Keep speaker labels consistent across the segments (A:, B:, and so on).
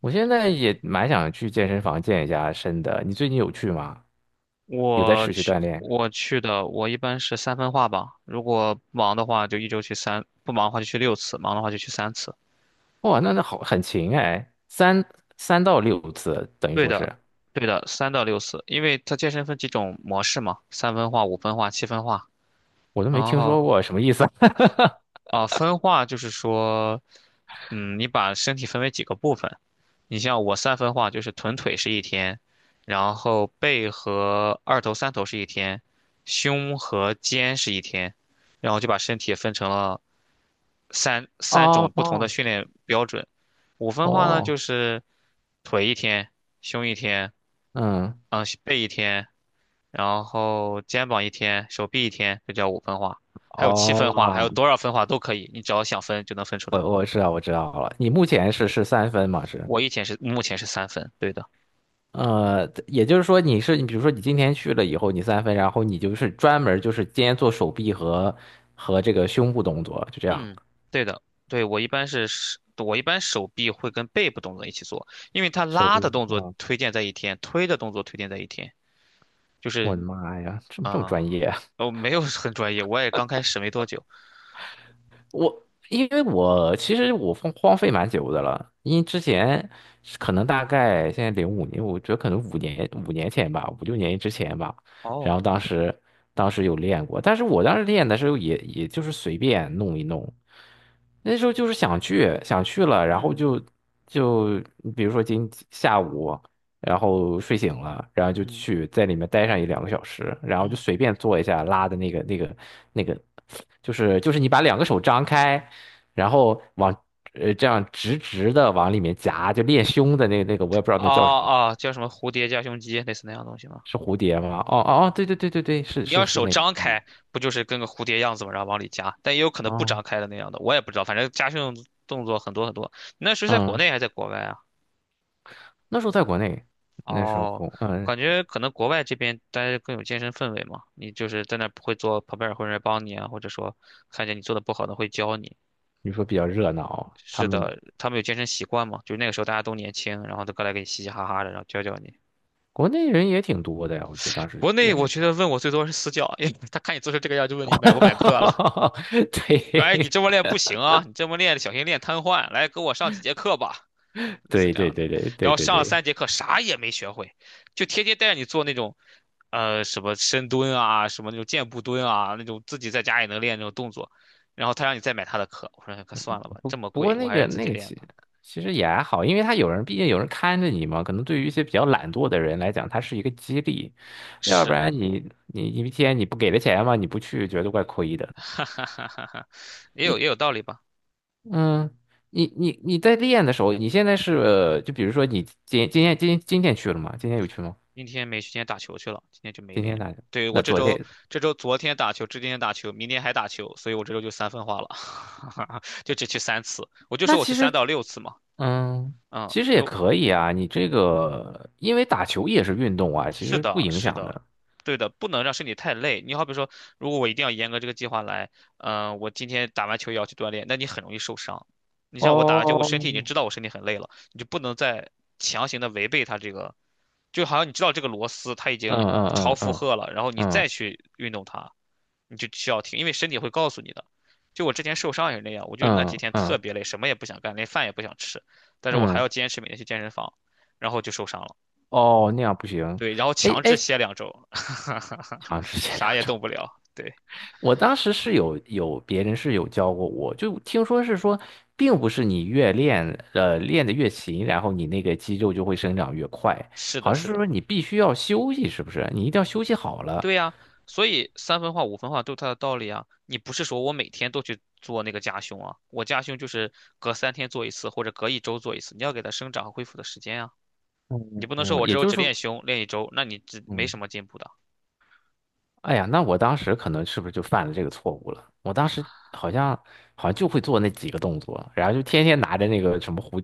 A: 我现在也蛮想去健身房健一下身的。你最近有去吗？有在
B: 我
A: 持续
B: 去，
A: 锻炼？
B: 我去的，我一般是三分化吧。如果忙的话，就一周去三；不忙的话就去六次，忙的话就去三次。
A: 哇，那好，很勤哎，三到六次，等于
B: 对
A: 说是，
B: 的，对的，三到六次，因为它健身分几种模式嘛，三分化、五分化、七分化。
A: 我都没
B: 然
A: 听
B: 后
A: 说过，什么意思？
B: 分化就是说，你把身体分为几个部分。你像我三分化就是臀腿是一天，然后背和二头、三头是一天，胸和肩是一天，然后就把身体分成了。三 三种
A: 哦
B: 不同的
A: 哦。
B: 训练标准。五分化呢，
A: 哦，
B: 就是腿一天，胸一天，
A: 嗯。
B: 背一天，然后肩膀一天，手臂一天，这叫五分化。还有七分化，还有
A: 哦，
B: 多少分化都可以，你只要想分就能分出
A: 我
B: 来。
A: 我知道我知道了。你目前是三分嘛？是。
B: 我以前是目前是三分，对的，
A: 也就是说你，比如说你今天去了以后，你三分，然后你就是专门就是今天做手臂和这个胸部动作，就这样。
B: 嗯，对的，对，我一般手臂会跟背部动作一起做，因为它
A: 手
B: 拉的
A: 臂，
B: 动作
A: 啊。
B: 推荐在一天，推的动作推荐在一天，就
A: 我的
B: 是
A: 妈呀，这么
B: 啊，
A: 这么专业啊，
B: 我没有很专业，我也刚开始没多久。
A: 因为我其实荒废蛮久的了，因为之前是可能大概现在零五年，我觉得可能五年前吧，5、6年之前吧。然
B: 哦，
A: 后当时有练过，但是我当时练的时候也就是随便弄一弄，那时候就是想去了，然后
B: 嗯
A: 就比如说今下午，然后睡醒了，然后就
B: 嗯
A: 去在里面待上一两个小时，然后就
B: 嗯，
A: 随便做一下拉的那个，就是你把两个手张开。然后这样直直的往里面夹，就练胸的那个，我也不知道那
B: 啊
A: 叫什么，
B: 啊，叫什么蝴蝶夹胸肌，类似那样的东西吗？
A: 是蝴蝶吗？哦哦哦，对对对对对，是
B: 你
A: 是
B: 要
A: 是
B: 手
A: 那个，
B: 张
A: 嗯。
B: 开，不就是跟个蝴蝶样子嘛，然后往里夹？但也有可能不
A: 哦。
B: 张开的那样的，我也不知道。反正夹胸动作很多很多。那时候在国
A: 嗯，
B: 内还是在国外啊？
A: 那时候在国内，那时候
B: 哦，
A: 红，嗯，
B: 感觉可能国外这边大家更有健身氛围嘛。你就是在那儿不会做，旁边儿会有人帮你啊，或者说看见你做的不好的会教你。
A: 你说比较热闹，他
B: 是
A: 们
B: 的，他们有健身习惯嘛？就是那个时候大家都年轻，然后都过来给你嘻嘻哈哈的，然后教教你。
A: 国内人也挺多的呀，我觉得当时
B: 国
A: 也
B: 内我
A: 热
B: 觉得
A: 闹，
B: 问我最多是私教，哎，他看你做成这个样就问你买不买课了，说哎你
A: 对
B: 这么练不行啊，你这么练小心练瘫痪，来跟我上几节课吧，类似
A: 对
B: 这
A: 对
B: 样的。
A: 对对
B: 然
A: 对对
B: 后
A: 对
B: 上了
A: 对，
B: 三节课啥也没学会，就天天带着你做那种，什么深蹲啊，什么那种箭步蹲啊，那种自己在家也能练那种动作，然后他让你再买他的课，我说哎可算了吧，
A: 不
B: 这么
A: 不
B: 贵，
A: 过
B: 我
A: 那
B: 还是
A: 个
B: 自
A: 那
B: 己
A: 个
B: 练
A: 其
B: 吧。
A: 其实也还好，因为他有人，毕竟有人看着你嘛。可能对于一些比较懒惰的人来讲，它是一个激励，要不
B: 是，
A: 然你一天你不给他钱嘛，你不去觉得怪亏 的。
B: 哈哈哈哈哈，也有
A: 你
B: 也有道理吧。
A: 嗯，你在练的时候，你现在是就比如说你今天去了吗？今天有去吗？
B: 今天没时间打球去了，今天就没
A: 今天，
B: 练。
A: 那
B: 对，我
A: 那
B: 这
A: 昨
B: 周
A: 天，
B: 这周昨天打球，今天打球，明天还打球，所以我这周就三分化了，就只去三次。我就
A: 那
B: 说我去
A: 其
B: 三
A: 实，
B: 到六次嘛，
A: 嗯。
B: 嗯，
A: 其实也
B: 如
A: 可以啊，你这个因为打球也是运动啊，其
B: 是
A: 实不
B: 的，
A: 影
B: 是
A: 响
B: 的，
A: 的。
B: 对的，不能让身体太累。你好比说，如果我一定要严格这个计划来，我今天打完球也要去锻炼，那你很容易受伤。你像我打完球，
A: 哦，
B: 我身体已经知道我身体很累了，你就不能再强行的违背它这个，就好像你知道这个螺丝它已
A: 嗯
B: 经超
A: 嗯嗯
B: 负
A: 嗯
B: 荷了，然后你
A: 嗯
B: 再去运动它，你就需要停，因为身体会告诉你的。就我之前受伤也是那样，我就那几
A: 嗯
B: 天特
A: 嗯
B: 别累，什么也不想干，连饭也不想吃，但是我还
A: 嗯。
B: 要坚持每天去健身房，然后就受伤了。
A: 哦，那样不行。
B: 对，然后
A: 哎
B: 强制
A: 哎，
B: 歇2周，
A: 好 像是前
B: 啥
A: 两
B: 也动
A: 种。
B: 不了。对，
A: 我当时是有别人是有教过我，就听说是说，并不是你越练练得越勤，然后你那个肌肉就会生长越快，
B: 是的，
A: 好像
B: 是
A: 是说
B: 的，
A: 你必须要休息，是不是？你一定要休息好了。
B: 对呀，所以三分化、五分化都有它的道理啊。你不是说我每天都去做那个夹胸啊，我夹胸就是隔三天做一次，或者隔一周做一次，你要给它生长和恢复的时间啊。你
A: 嗯
B: 不能
A: 嗯，
B: 说我这
A: 也
B: 周
A: 就是
B: 只
A: 说，
B: 练胸练一周，那你只没
A: 嗯。
B: 什么进步的
A: 哎呀，那我当时可能是不是就犯了这个错误了？我当时好像好像就会做那几个动作，然后就天天拿着那个什么蝴，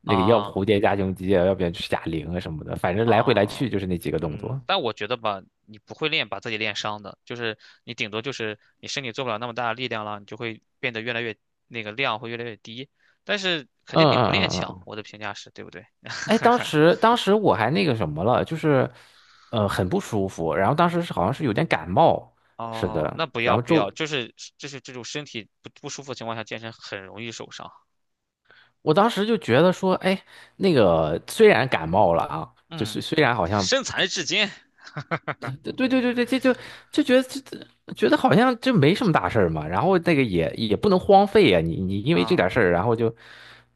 A: 那个要不
B: 啊。
A: 蝴蝶加胸肌啊，要不然就是哑铃啊什么的，反正来回来
B: 啊，
A: 去就是那几个动作。
B: 但我觉得吧，你不会练，把自己练伤的，就是你顶多就是你身体做不了那么大的力量了，你就会变得越来越那个量会越来越低，但是肯
A: 嗯
B: 定比
A: 嗯
B: 不练
A: 嗯嗯，
B: 强，
A: 嗯。
B: 我的评价是，对不对？
A: 哎，当时我还那个什么了，就是很不舒服，然后当时是好像是有点感冒，是
B: 哦，
A: 的，
B: 那不
A: 然
B: 要
A: 后
B: 不要，
A: 就
B: 就是这种身体不舒服的情况下健身很容易受伤，
A: 我当时就觉得说，哎，那个虽然感冒了啊，就
B: 嗯，
A: 是虽然好像
B: 身残志坚
A: 对对对对，这就觉得这觉得好像这没什么大事儿嘛，然后那个也不能荒废呀、你因为这
B: 啊，
A: 点事儿，然后就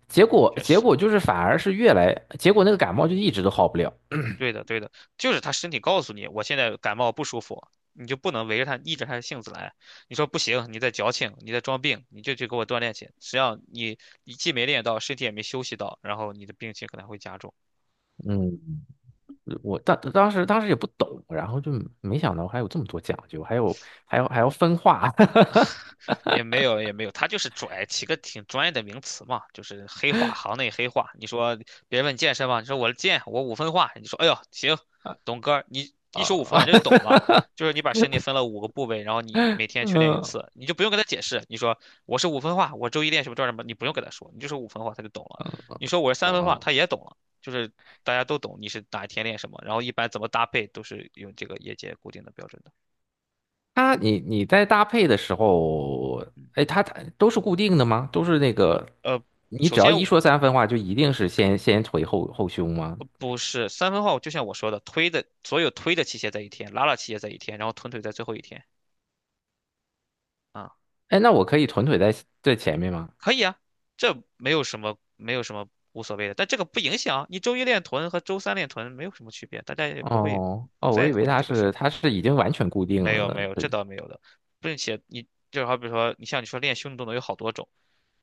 A: 结果
B: 确
A: 结
B: 实。
A: 果就是反而是越来结果那个感冒就一直都好不了。
B: 对的，对的，就是他身体告诉你，我现在感冒不舒服，你就不能围着他逆着他的性子来。你说不行，你在矫情，你在装病，你就去给我锻炼去。实际上你既没练到，身体也没休息到，然后你的病情可能会加重。
A: 嗯，我当时也不懂，然后就没想到还有这么多讲究，还有还要分化，
B: 也没有也没有，他就是拽起个挺专业的名词嘛，就是黑话，行内黑话。你说别人问你健身吗？你说我健，我五分化。你说哎呦行，董哥，你一说五分化
A: 啊，
B: 你就懂了，就是你把身体分了五个部位，然后你每天去练一
A: 嗯
B: 次，你就不用跟他解释。你说我是五分化，我周一练什么做什么，你不用跟他说，你就说五分化他就懂了。你说我是三分化，
A: 嗯。
B: 他也懂了，就是大家都懂你是哪一天练什么，然后一般怎么搭配都是用这个业界固定的标准的。
A: 你在搭配的时候，
B: 嗯，
A: 哎，它都是固定的吗？都是那个，
B: 呃，
A: 你
B: 首
A: 只要
B: 先
A: 一说三分话，就一定是先腿后胸吗？
B: 不是三分号，就像我说的，推的所有推的器械在一天，拉器械在一天，然后臀腿在最后一天啊，
A: 哎，那我可以臀腿在前面吗？
B: 可以啊，这没有什么无所谓的，但这个不影响你周一练臀和周三练臀没有什么区别，大家也不会
A: 哦哦，我
B: 在
A: 以
B: 乎
A: 为
B: 你
A: 它
B: 这个事儿。
A: 是它是已经完全固定
B: 没
A: 了
B: 有
A: 呢。
B: 没有，这
A: 是，
B: 倒没有的，并且你就好比说，你像你说练胸的动作有好多种，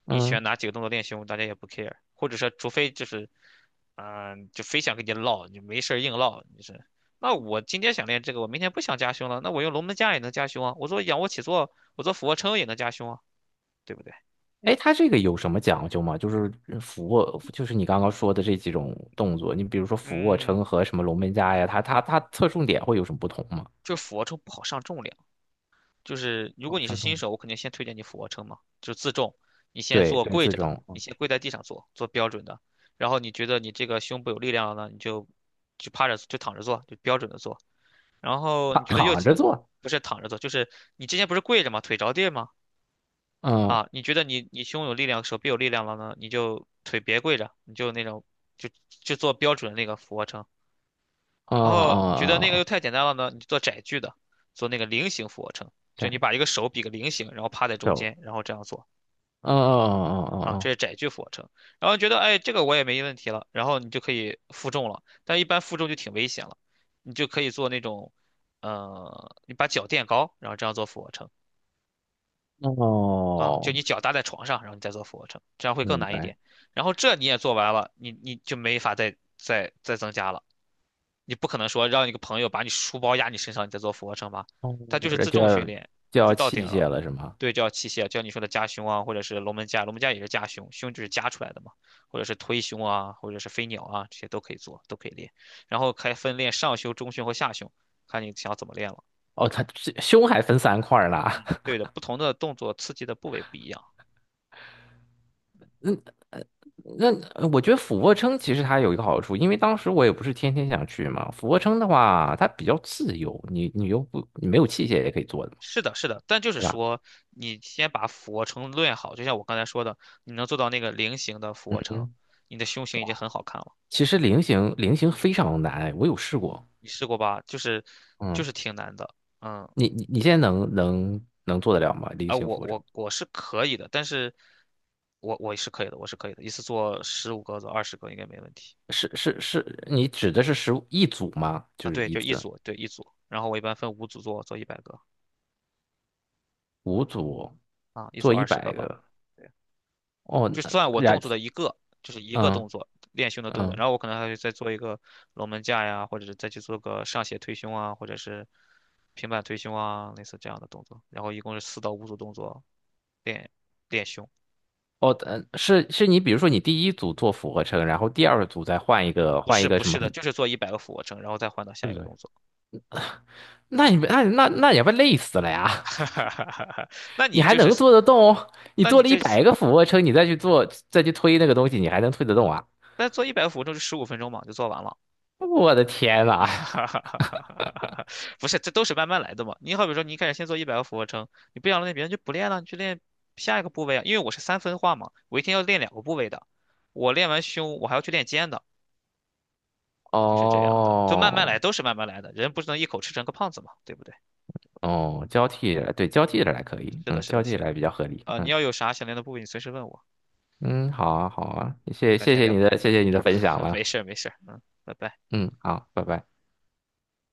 B: 你
A: 嗯，
B: 选哪几个动作练胸，大家也不 care,或者说除非就是，就非想跟你唠，你没事儿硬唠，你是，那我今天想练这个，我明天不想加胸了，那我用龙门架也能加胸啊，我做仰卧起坐，我做俯卧撑也能加胸啊，对不对？
A: 哎，它这个有什么讲究吗？就是俯卧，就是你刚刚说的这几种动作，你比如说俯卧
B: 嗯，
A: 撑和什么龙门架呀，它侧重点会有什么不同吗？
B: 就俯卧撑不好上重量。就是如果
A: 哦，
B: 你是
A: 上重
B: 新手，
A: 点。
B: 我肯定先推荐你俯卧撑嘛，就是自重，你先
A: 对
B: 做
A: 对，
B: 跪
A: 这
B: 着的，
A: 种
B: 你先跪在地上做，做标准的。然后你觉得你这个胸部有力量了呢，你就趴着就躺着做，就标准的做。然后
A: 他
B: 你觉
A: 躺
B: 得又
A: 躺着做，
B: 不是躺着做，就是你之前不是跪着吗？腿着地吗？
A: 嗯。
B: 啊，你觉得你胸有力量，手臂有力量了呢，你就腿别跪着，你就那种就做标准的那个俯卧撑。
A: 哦哦
B: 然后你觉得那个
A: 哦
B: 又
A: 哦，
B: 太简单了呢，你就做窄距的，做那个菱形俯卧撑，就你把
A: 感
B: 一个手比个菱形，然后趴在中
A: 手。
B: 间，然后这样做
A: 哦哦
B: 啊，这
A: 哦
B: 是窄距俯卧撑。然后觉得哎，这个我也没问题了，然后你就可以负重了，但一般负重就挺危险了，你就可以做那种，你把脚垫高，然后这样做俯卧撑
A: 哦哦
B: 啊，就
A: 哦，
B: 你脚搭在床上，然后你再做俯卧撑，这样会更
A: 明
B: 难一
A: 白，
B: 点。然后这你也做完了，你就没法再增加了。你不可能说让一个朋友把你书包压你身上，你再做俯卧撑吧？
A: 哦，
B: 它就是
A: 这
B: 自
A: 就
B: 重训
A: 要
B: 练，
A: 就
B: 你就
A: 要
B: 到顶
A: 器
B: 了。
A: 械了是吗？
B: 对叫器械，叫你说的夹胸啊，或者是龙门架，龙门架也是夹胸，胸就是夹出来的嘛，或者是推胸啊，或者是飞鸟啊，这些都可以做，都可以练。然后还分练上胸、中胸和下胸，看你想怎么练了。
A: 哦，它这胸还分3块儿呢。
B: 嗯，对的，不同的动作刺激的部位不一样。
A: 那我觉得俯卧撑其实它有一个好处，因为当时我也不是天天想去嘛。俯卧撑的话，它比较自由，你你又不你没有器械也可以做的嘛，
B: 是的，是的，但就是
A: 对吧？
B: 说，你先把俯卧撑练好，就像我刚才说的，你能做到那个菱形的俯卧撑，
A: 嗯，
B: 你的胸型已经很好看了。
A: 其实菱形非常难，我有试过。
B: 你试过吧？就是就
A: 嗯，
B: 是挺难的，嗯，
A: 你现在能做得了吗？菱形
B: 我
A: 俯卧撑？
B: 我我是可以的，但是我是可以的，我是可以的，一次做15个做二十个应该没问题
A: 是是是，你指的是15一组吗？就
B: 啊。
A: 是
B: 对，
A: 一
B: 就一
A: 次
B: 组，对一组，然后我一般分五组做，做一百个
A: 5组
B: 啊，一组
A: 做
B: 二
A: 一
B: 十个
A: 百
B: 吧。
A: 个
B: 对，
A: 哦，
B: 就
A: 那
B: 算我动
A: 然
B: 作的一个，就是一个
A: 嗯
B: 动作练胸的动作，
A: 嗯
B: 然后我可能还会再做一个龙门架呀，或者是再去做个上斜推胸啊，或者是平板推胸啊，类似这样的动作。然后一共是四到五组动作练练胸。
A: 哦，是是你比如说你第一组做俯卧撑，然后第二组再换一个
B: 不
A: 换一
B: 是
A: 个
B: 不
A: 什
B: 是
A: 么，
B: 的，就是做一百个俯卧撑，然后再换到下
A: 对
B: 一
A: 不
B: 个
A: 对？
B: 动作。
A: 那你们那那那也不累死了呀？
B: 那
A: 你
B: 你
A: 还
B: 就是，
A: 能做得动哦？你
B: 那
A: 做
B: 你
A: 了一
B: 这
A: 百个俯卧撑，你再去推那个东西，你还能推得动啊？
B: 那做一百个俯卧撑就15分钟嘛，就做完了。
A: 我的天呐！
B: 不是，这都是慢慢来的嘛。你好比说，你一开始先做一百个俯卧撑，你不想练别人就不练了，你去练下一个部位啊。因为我是三分化嘛，我一天要练两个部位的，我练完胸，我还要去练肩的，就是这样的，就慢慢
A: 哦
B: 来，都是慢慢来的。人不是能一口吃成个胖子嘛，对不对？
A: 哦，交替着来，对，交替着来可以，
B: 是的，
A: 嗯，
B: 是
A: 交
B: 的，
A: 替
B: 行，
A: 着来比较合理，
B: 你
A: 嗯。
B: 要有啥想练的部位，你随时问我。
A: 嗯，好啊，好
B: 嗯，
A: 啊，
B: 那
A: 谢
B: 改
A: 谢
B: 天
A: 谢你
B: 聊。
A: 的，谢
B: 嗯。
A: 谢你的分享
B: 没
A: 了。
B: 事儿没事儿嗯，拜拜。
A: 嗯，好，拜拜。